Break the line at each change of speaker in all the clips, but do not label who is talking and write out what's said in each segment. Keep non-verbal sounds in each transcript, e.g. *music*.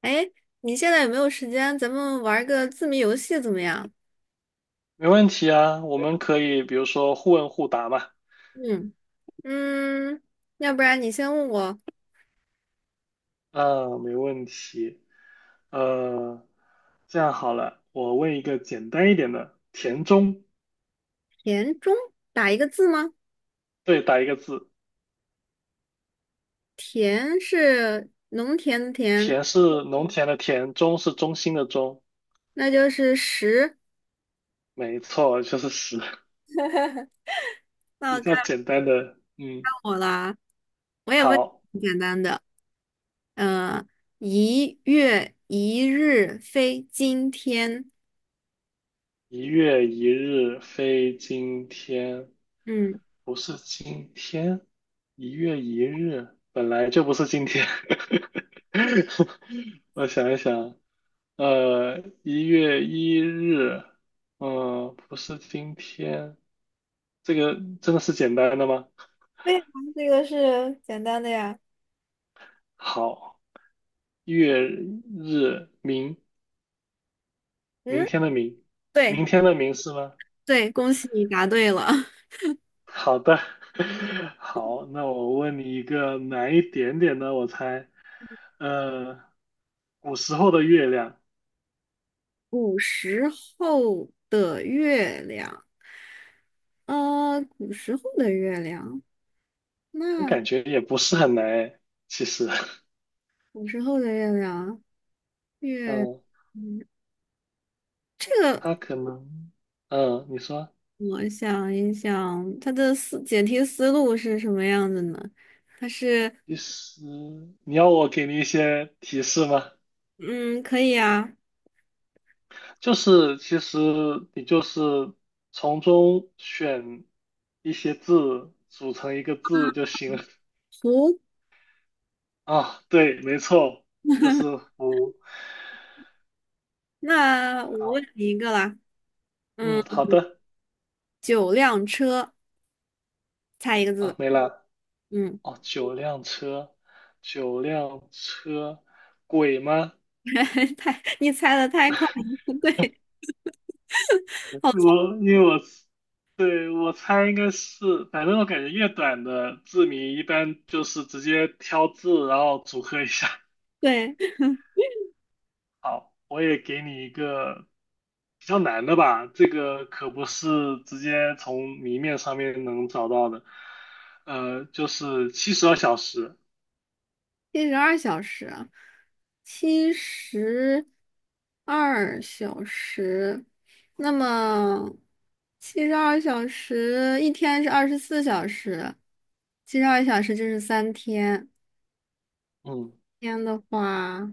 哎，你现在有没有时间？咱们玩个字谜游戏怎么样？
没问题啊，我们可以比如说互问互答嘛。
嗯嗯，要不然你先问我，
嗯，没问题。呃，这样好了，我问一个简单一点的，田中。
田中打一个字吗？
对，打一个字。
田是农田的田，
田是农田的田，中是中心的中。
那就是十。
没错，就是十。
*laughs*
*laughs*
那
比
该
较简单的。嗯，
我啦，我也问
好，
你简单的。呃，1月1日非今天。
一月一日非今天，
嗯，
不是今天，一月一日本来就不是今天。*laughs* 我想一想，一月一日，不是今天，这个真的是简单的吗？
对啊，这个是简单的呀。
好，月日明，明
嗯，
天的明，
对
明天的明是吗？
对，恭喜你答对了。*laughs*
好的。*laughs* 好，那我问你一个难一点点的，我猜，呃，古时候的月亮。
古时候的月亮，古时候的月亮，
我
那
感觉也不是很难诶，其实。*laughs*
古时候的月亮，月，
嗯，
嗯，这个
它可能，嗯，你说。
我想一想，它的解题思路是什么样子呢？它是，
其实你要我给你一些提示吗？
嗯，可以啊，
就是其实你就是从中选一些字组成一个字就行了。
图，
啊，对，没错，就是福。
那我问
好，
你一个啦，嗯，
嗯，好的。
九辆车，猜一个
啊，
字，
没了。
嗯，
哦，九辆车，九辆车，鬼吗？
*laughs* 太，你猜的太快了，*laughs* 对，
我
好聪，
因为我对我猜应该是，反正我感觉越短的字谜一般就是直接挑字，然后组合一下。
对。
好，我也给你一个比较难的吧，这个可不是直接从谜面上面能找到的。就是72小时。
七十二小时啊，七十二小时，那么七十二小时一天是24小时，七十二小时就是3天。
嗯，
天的话，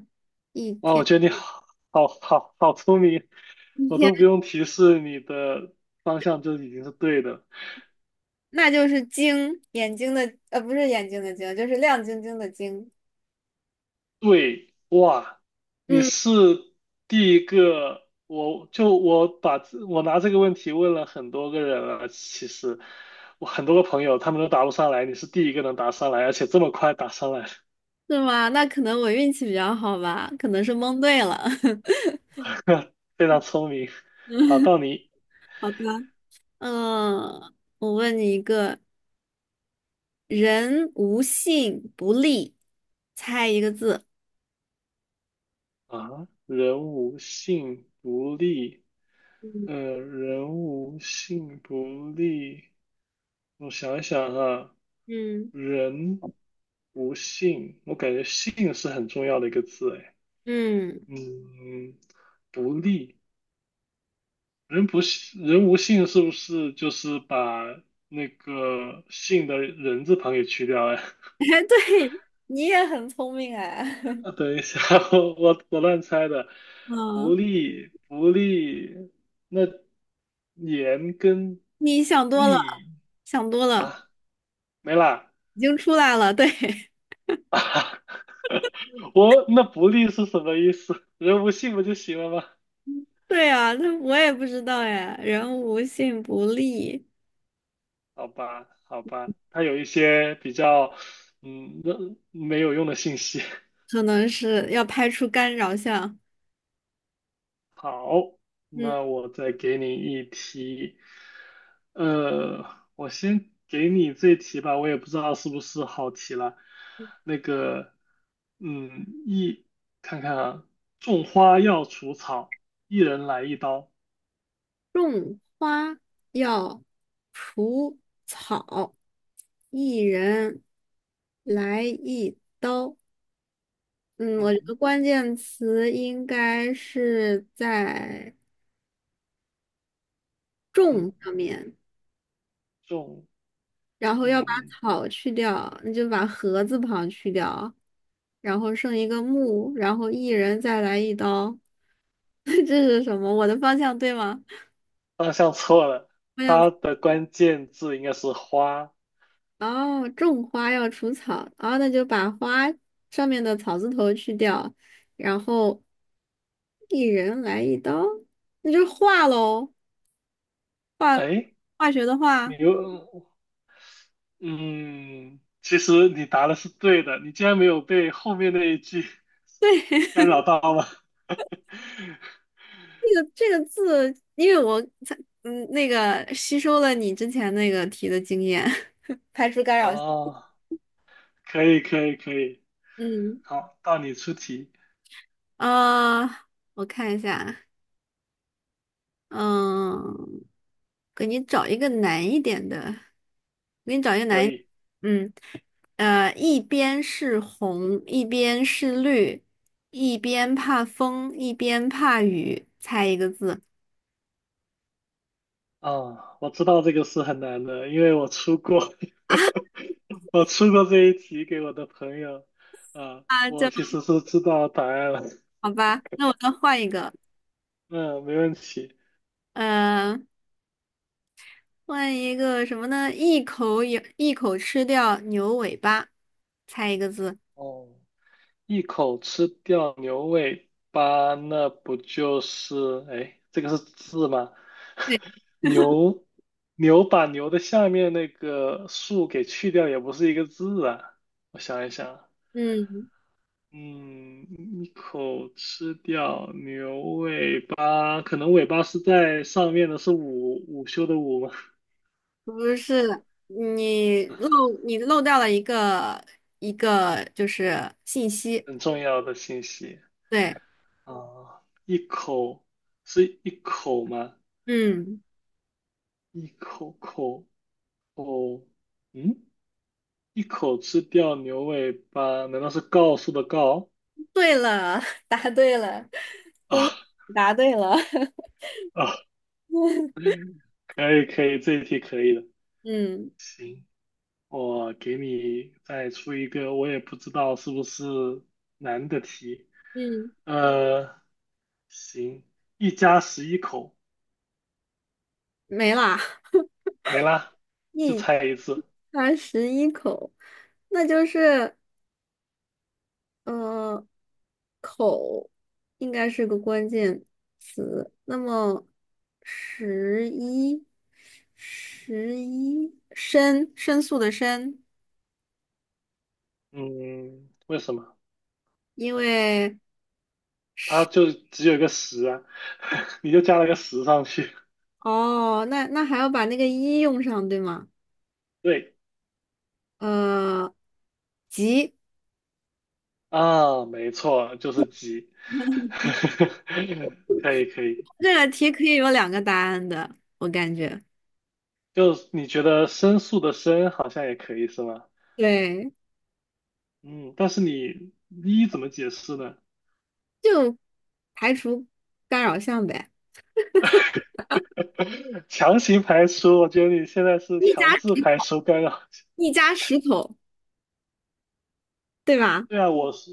一
哇，我
天
觉得你好好好好聪明，
一
我
天，
都不用提示你的方向就已经是对的。
那就是睛，眼睛的，不是眼睛的睛，就是亮晶晶的晶。
对，哇，你
嗯，
是第一个，我就我把这我拿这个问题问了很多个人了，其实我很多个朋友他们都答不上来，你是第一个能答上来，而且这么快答上来，
是吗？那可能我运气比较好吧，可能是蒙对了。
非常聪明。好，
*laughs*
到你
好的，嗯，我问你一个，人无信不立，猜一个字。
啊，人无信不立。
嗯
人无信不立，我想一想啊，
嗯
人无信，我感觉信是很重要的一个字，哎。
嗯，
嗯，不利。人不信，人无信是不是就是把那个信的人字旁给去掉呀？
*laughs*
*laughs*
哎，对，你也很聪明哎。*laughs*
啊等一下，我乱猜的。不
嗯，
利不利，那言跟
你想多了，
利
想多了，
啊没啦
已经出来了。对，*laughs*
啊！*laughs* 我那不利是什么意思？人无信不就行了吗？
对啊，那我也不知道哎。人无信不立，
好吧，好吧，它有一些比较那没有用的信息。*laughs*
可能是要拍出干扰项。
好，
嗯，
那我再给你一题，呃，我先给你这题吧，我也不知道是不是好题了。那个，一，看看啊，种花要除草，一人来一刀。
种花要除草，一人来一刀。嗯，我觉得
嗯
关键词应该是在
嗯，
种上面，
种，
然后要把
嗯，
草去掉，那就把禾字旁去掉，然后剩一个木，然后一人再来一刀。*laughs* 这是什么？我的方向对吗？
方向错了，
方向
它的关键字应该是花。
哦，种花要除草，哦，那就把花上面的草字头去掉，然后一人来一刀，那就画喽，
哎，
化学的
你
化。
又。嗯，其实你答的是对的，你竟然没有被后面那一句 *laughs* 干扰到吗？*laughs*
这个字，因为我才那个吸收了你之前那个题的经验，*laughs* 排除干扰。
哦，可以可以可以，
嗯
好，到你出题，
啊，我看一下，嗯，给你找一个难一点的，给你找一个
可
难一
以。
嗯，呃，一边是红，一边是绿，一边怕风，一边怕雨，猜一个字
哦，我知道这个是很难的，因为我出过，*laughs* 我出过这一题给我的朋友，啊、
啊，
我
这
其实是知道答案了。*laughs*
好吧，那我再换一个，
嗯，没问题。
嗯。换一个什么呢？一口咬，一口吃掉牛尾巴，猜一个字。
哦，一口吃掉牛尾巴，那不就是，哎，这个是字吗？
对，
牛，牛把牛的下面那个竖给去掉，也不是一个字啊。我想一想啊，
嗯，
嗯，一口吃掉牛尾巴，可能尾巴是在上面的，是午午休的午吗？
不是，你漏掉了一个就是信息。
很重要的信息
对，
啊，一口是一口吗？
嗯，
一口口口，嗯。一口吃掉牛尾巴，难道是告诉的告？
对了，*laughs* 答对了，
啊
答对了，*laughs*
啊，可以可以，这一题可以的。
嗯
行，我给你再出一个，我也不知道是不是难的题。
嗯，
呃，行，一家十一口，
没啦，*laughs*
没啦，就
一
猜一次。
它11口，那就是呃。应该是个关键词。那么，十一，十一，申，申诉的申，
嗯，为什么？
因为
它就只有一个十啊，*laughs* 你就加了个十上去。
哦，那还要把那个一用上，对吗？
对
呃，急，
啊，没错，就是鸡。*laughs* 可以可以。
这个题可以有两个答案的，我感觉。
就你觉得申诉的申好像也可以是吗？
对，
嗯，但是你一怎么解释呢？
就排除干扰项呗。
强行排除，我觉得你现在是
一
强
家
制排除干扰。
一家十口，对吧？
*laughs* 对啊，我是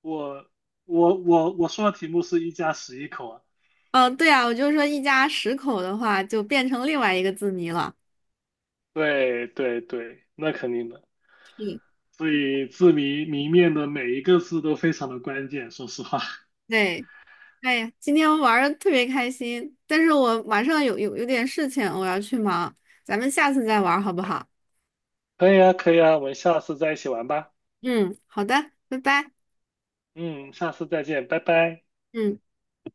我我我我说的题目是一家十一口啊。
嗯，对啊，我就说一家十口的话，就变成另外一个字谜了。
对对对，那肯定的。所以字谜谜面的每一个字都非常的关键，说实话。
对。哎呀，今天玩的特别开心，但是我晚上有点事情，我要去忙，咱们下次再玩好不好？
*laughs* 可以啊，可以啊，我们下次再一起玩吧。
嗯，好的，拜拜。
嗯，下次再见，拜拜。
嗯。